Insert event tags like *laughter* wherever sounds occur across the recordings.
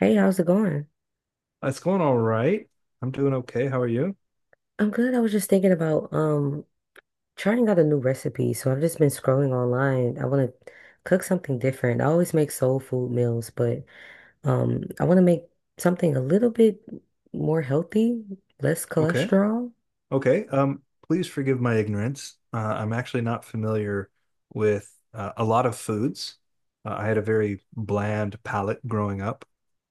Hey, how's it going? It's going all right. I'm doing okay. How are you? I'm good. I was just thinking about trying out a new recipe. So I've just been scrolling online. I want to cook something different. I always make soul food meals, but I want to make something a little bit more healthy, less Okay. cholesterol. Okay. Please forgive my ignorance. I'm actually not familiar with a lot of foods. I had a very bland palate growing up.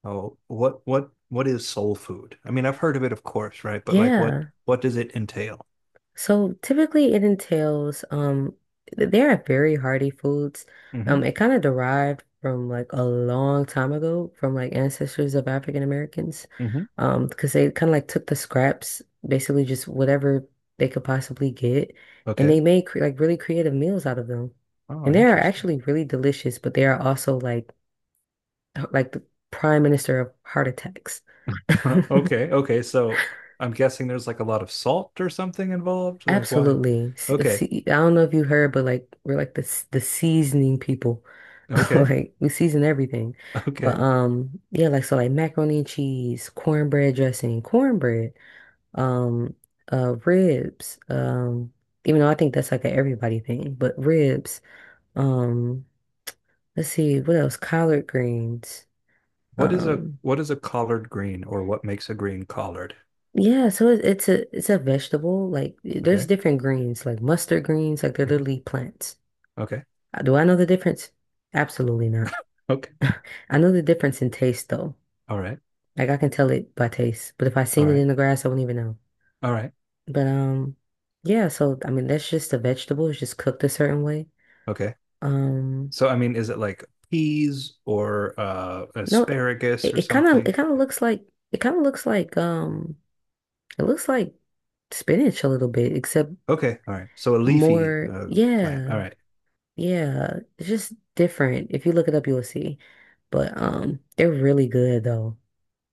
Oh, what is soul food? I mean, I've heard of it, of course, right? But like, what Yeah. what does it entail? So typically it entails they are very hearty foods. Hmm. It kind of derived from like a long time ago from like ancestors of African Americans. Hmm. Because they kind of like took the scraps, basically just whatever they could possibly get, and Okay. they made cre like really creative meals out of them. Oh, And they are interesting. actually really delicious, but they are also like like the prime minister of heart attacks. *laughs* *laughs* Okay. Okay. So I'm guessing there's like a lot of salt or something involved. Like, why? Absolutely. Okay. I don't know if you heard, but like we're like the seasoning people. *laughs* Okay. Like we season everything. *laughs* But Okay. Yeah, like so like macaroni and cheese, cornbread dressing, cornbread, um ribs, even though I think that's like a everybody thing, but ribs, um let's see what else? Collard greens. What is a Um what is a collard green or what makes a green collard? yeah, so it's a vegetable. Like there's Okay. different greens, like mustard greens, like they're Hmm. literally plants. Okay. Do I know the difference? Absolutely not. Okay. *laughs* I know the difference in taste though. All right. Like I can tell it by taste. But if I All seen it right. in the grass, I wouldn't even know. All right. But yeah, so I mean that's just a vegetable. It's just cooked a certain way. Okay. Um So I mean, is it like peas or no, asparagus it, or it kind of it something? kind of looks like it kind of looks like it looks like spinach a little bit, except Okay. All right. So a leafy more plant. yeah, All right. yeah. It's just different. If you look it up, you'll see. But they're really good though.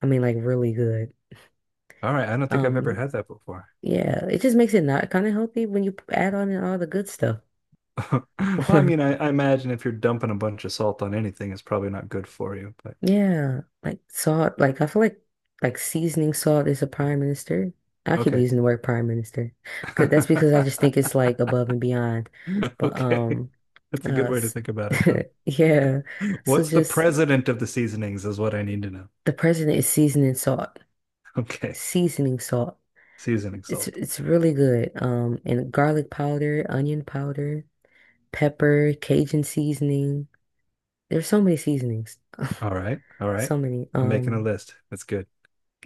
I mean like really good. All right. I don't think I've ever Um, had that before. Yeah, it just makes it not kind of healthy when you add on in all the good stuff. *laughs* Well, I mean, *laughs* I imagine if you're dumping a bunch of salt on anything, it's probably not good for you, but Yeah, like salt. Like I feel like seasoning salt is a prime minister. I keep okay. using the word prime minister because that's because I just think it's *laughs* like above and beyond. But Okay. That's a uh, good way to s- think about it, though. *laughs* yeah. So What's the just president of the seasonings is what I need to know. *laughs* the president is seasoning salt, Okay. seasoning salt. Seasoning salt. It's really good. And garlic powder, onion powder, pepper, Cajun seasoning. There's so many seasonings. *laughs* All right. All right. So many. I'm making a list. That's good.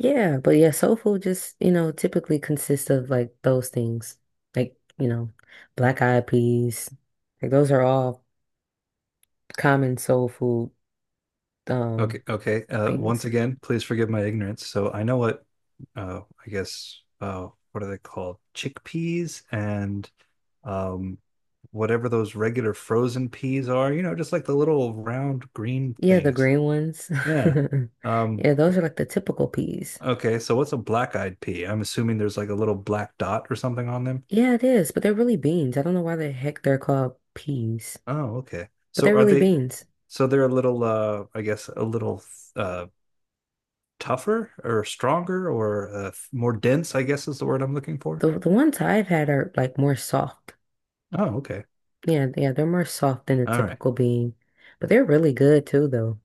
Yeah, but yeah, soul food just, you know, typically consists of like those things. Like, you know, black eyed peas. Like those are all common soul food um Okay. Okay. Once things. again, please forgive my ignorance. So I know what, I guess, what are they called? Chickpeas and um, whatever those regular frozen peas are, just like the little round green Yeah, the things. green ones. Yeah. *laughs* Um, Yeah, those are like the typical peas. okay. So what's a black eyed pea? I'm assuming there's like a little black dot or something on them. Yeah, it is, but they're really beans. I don't know why the heck they're called peas, Oh, okay. but So they're are really they, beans. so they're a little, I guess, a little uh, tougher or stronger or more dense, I guess is the word I'm looking for. The ones I've had are like more soft. Oh, okay. Yeah, yeah, they're more soft than a All right. typical bean, but they're really good too, though.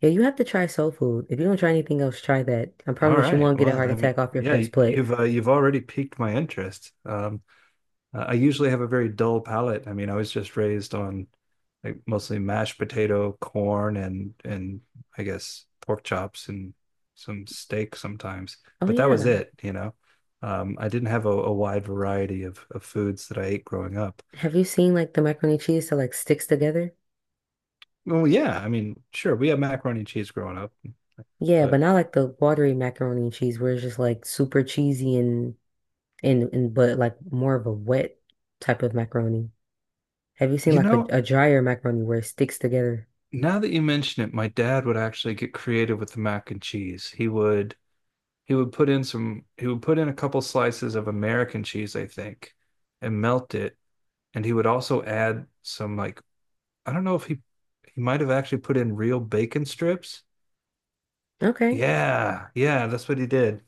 Yeah, you have to try soul food. If you don't try anything else, try that. I All promise you right. won't get a Well, heart I mean, attack off your yeah, first y- plate. you've uh, you've already piqued my interest. I usually have a very dull palate. I mean, I was just raised on like mostly mashed potato, corn, and I guess pork chops and some steak sometimes. Oh But that was yeah, it. I didn't have a wide variety of foods that I ate growing up. have you seen like the macaroni and cheese that like sticks together? Well, yeah, I mean, sure, we had macaroni and cheese growing up, Yeah, but but not like the watery macaroni and cheese where it's just like super cheesy and but like more of a wet type of macaroni. Have you seen you like know, a drier macaroni where it sticks together? now that you mention it, my dad would actually get creative with the mac and cheese. He would put in a couple slices of American cheese, I think, and melt it. And he would also add some like I don't know if he might have actually put in real bacon strips. Okay. Yeah, yeah, that's what he did.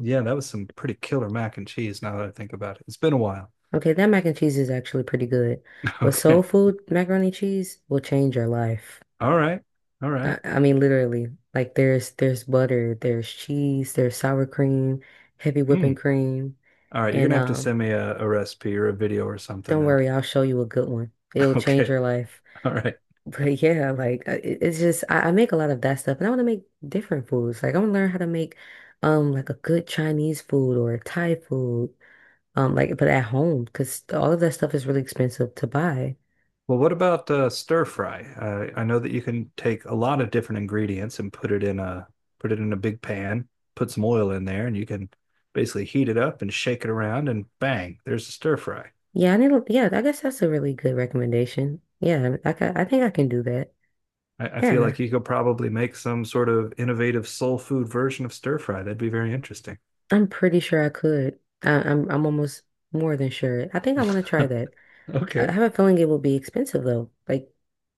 Yeah, that was some pretty killer mac and cheese now that I think about it. It's been a while. Okay, that mac and cheese is actually pretty good. *laughs* But soul Okay. food macaroni and cheese will change your life. All right. All right. I mean literally. Like there's butter, there's cheese, there's sour cream, heavy whipping Mm. cream, All right. You're and gonna have to send me a recipe or a video or something don't then. worry, I'll show you a good one. It'll *laughs* change Okay. your life. *laughs* All right. But yeah, like it's just I make a lot of that stuff and I want to make different foods. Like I want to learn how to make like a good Chinese food or Thai food. Like but at home because all of that stuff is really expensive to buy. Well, what about stir fry? I know that you can take a lot of different ingredients and put it in a big pan, put some oil in there, and you can basically heat it up and shake it around, and bang, there's a stir fry. Yeah, I need to, yeah, I guess that's a really good recommendation. Yeah, I think I can do that. I feel Yeah, like you could probably make some sort of innovative soul food version of stir fry. That'd be very interesting. *laughs* I'm pretty sure I could. I'm almost more than sure. I think I want to try that. I Okay. have a feeling it will be expensive though, like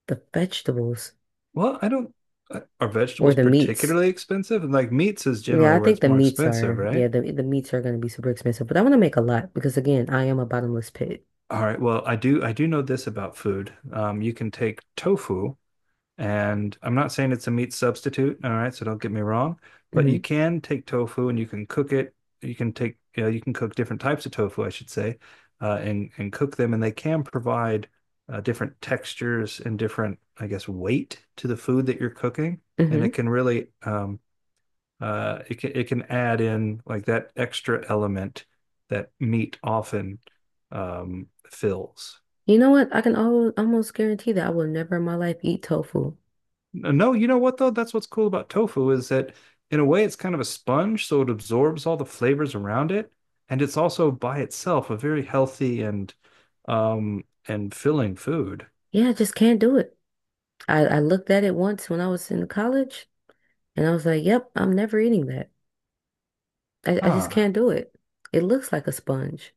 the vegetables Well, I don't. Are or vegetables the meats. particularly expensive? And like meats is Yeah, generally I where think it's the more meats expensive, are, yeah, right? the meats are going to be super expensive, but I want to make a lot because again, I am a bottomless pit. All right. Well, I do. I do know this about food. You can take tofu. And I'm not saying it's a meat substitute, all right, so don't get me wrong, but Hmm. you can take tofu and you can cook it. You can take, you know, you can cook different types of tofu, I should say, and cook them, and they can provide different textures and different, I guess, weight to the food that you're cooking, and Hmm. it can really, it can add in like that extra element that meat often fills. You know what? I can al almost guarantee that I will never in my life eat tofu. No, you know what though? That's what's cool about tofu is that in a way it's kind of a sponge, so it absorbs all the flavors around it, and it's also by itself a very healthy and filling food. Yeah, I just can't do it. I looked at it once when I was in college and I was like, yep, I'm never eating that. I just can't Ah. do it. It looks like a sponge.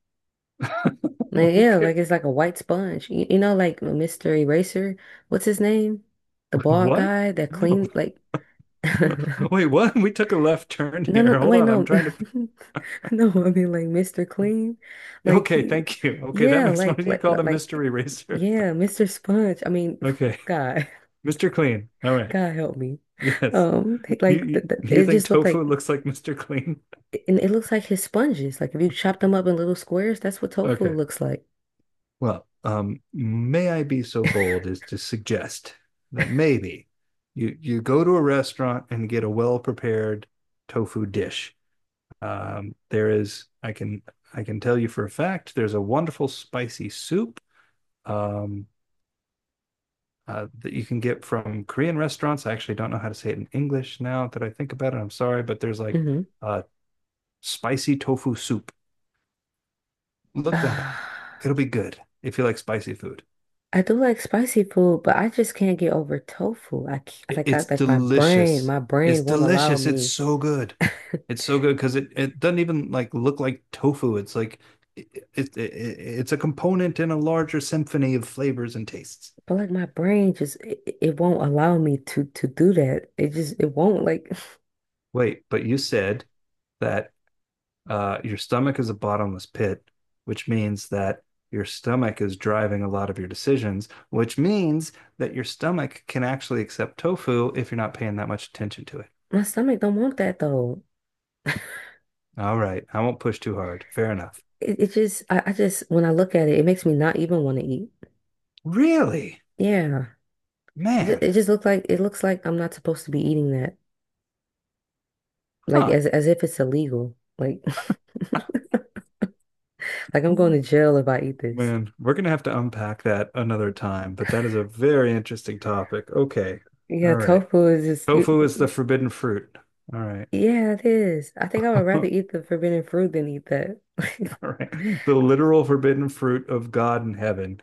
Like, *laughs* yeah, Okay. like it's like a white sponge. You know, like Mr. Eraser, what's his name? The bald What? guy that cleaned, *laughs* like, *laughs* no, Wait, what? *laughs* We took a left turn no, here. Hold wait, on, I'm no. trying to. *laughs* No, I mean, like Mr. Clean. Like, Okay, thank you. Okay, that yeah, makes what do you call a mystery racer. yeah, *laughs* Mr. Sponge. I mean, Okay, *laughs* God, Mr. Clean. All right. God help me. Yes. You Like, you you it think just looked tofu like, looks like Mr. Clean? and it looks like his sponges. Like if you chop them up in little squares, that's what *laughs* tofu Okay. looks like. Well, may I be so bold as to suggest that maybe you go to a restaurant and get a well prepared tofu dish. There is I can tell you for a fact there's a wonderful spicy soup um, that you can get from Korean restaurants. I actually don't know how to say it in English now that I think about it. I'm sorry, but there's like Hmm. a spicy tofu soup. Look that up. *sighs* It'll be good if you like spicy food. I do like spicy food, but I just can't get over tofu. Like I It's like delicious. my It's brain won't allow delicious. It's me. so good. *laughs* It's so good because it doesn't even like look like tofu. It's like it's a component in a larger symphony of flavors and tastes. But like my brain just it won't allow me to do that. It just it won't like Wait, but you said that your stomach is a bottomless pit, which means that your stomach is driving a lot of your decisions, which means that your stomach can actually accept tofu if you're not paying that much attention to it. *sighs* my stomach don't want that though. All right, I won't push too hard. Fair enough. I just when I look at it, it makes me not even want to eat. Really? Yeah. Man, It just looks like, it looks like I'm not supposed to be eating, like huh. As if it's illegal. Like *laughs* like I'm going to jail if I eat this. Man, we're gonna have to unpack that another time, but that is a very interesting topic. Okay. Yeah, All right. tofu is just you, Tofu is the forbidden fruit. All right. yeah, it is. I think I would *laughs* rather All eat the forbidden fruit than eat that. *laughs* right. The literal forbidden fruit of God in heaven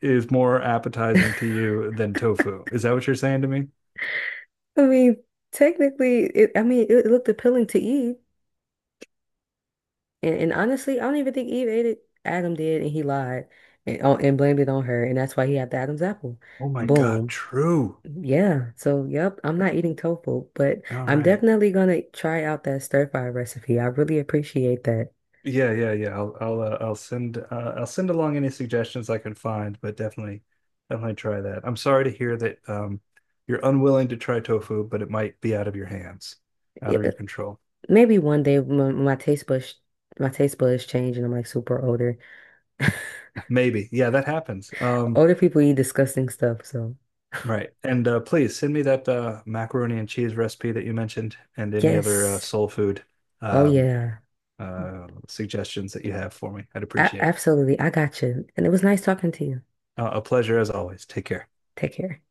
is more appetizing to you than tofu. Is that what you're saying to me? I mean, technically, it, I mean, it looked appealing to Eve, and honestly, I don't even think Eve ate it. Adam did, and he lied, and oh, and blamed it on her, and that's why he had the Adam's apple. Oh my God, Boom. true. Yeah. So, yep, I'm not eating tofu, but All I'm right. definitely gonna try out that stir fry recipe. I really appreciate that. Yeah, yeah, yeah. I'll send along any suggestions I can find, but definitely try that. I'm sorry to hear that you're unwilling to try tofu, but it might be out of your hands, out of your control. Maybe one day my taste buds change and I'm like super older. *laughs* *laughs* Maybe. Yeah, that happens. Older people eat disgusting stuff, so Right. And please send me that macaroni and cheese recipe that you mentioned and any other yes. soul food Oh um yeah. Suggestions that you have for me. I'd A appreciate it. absolutely. I got you. And it was nice talking to you. A pleasure as always. Take care. Take care.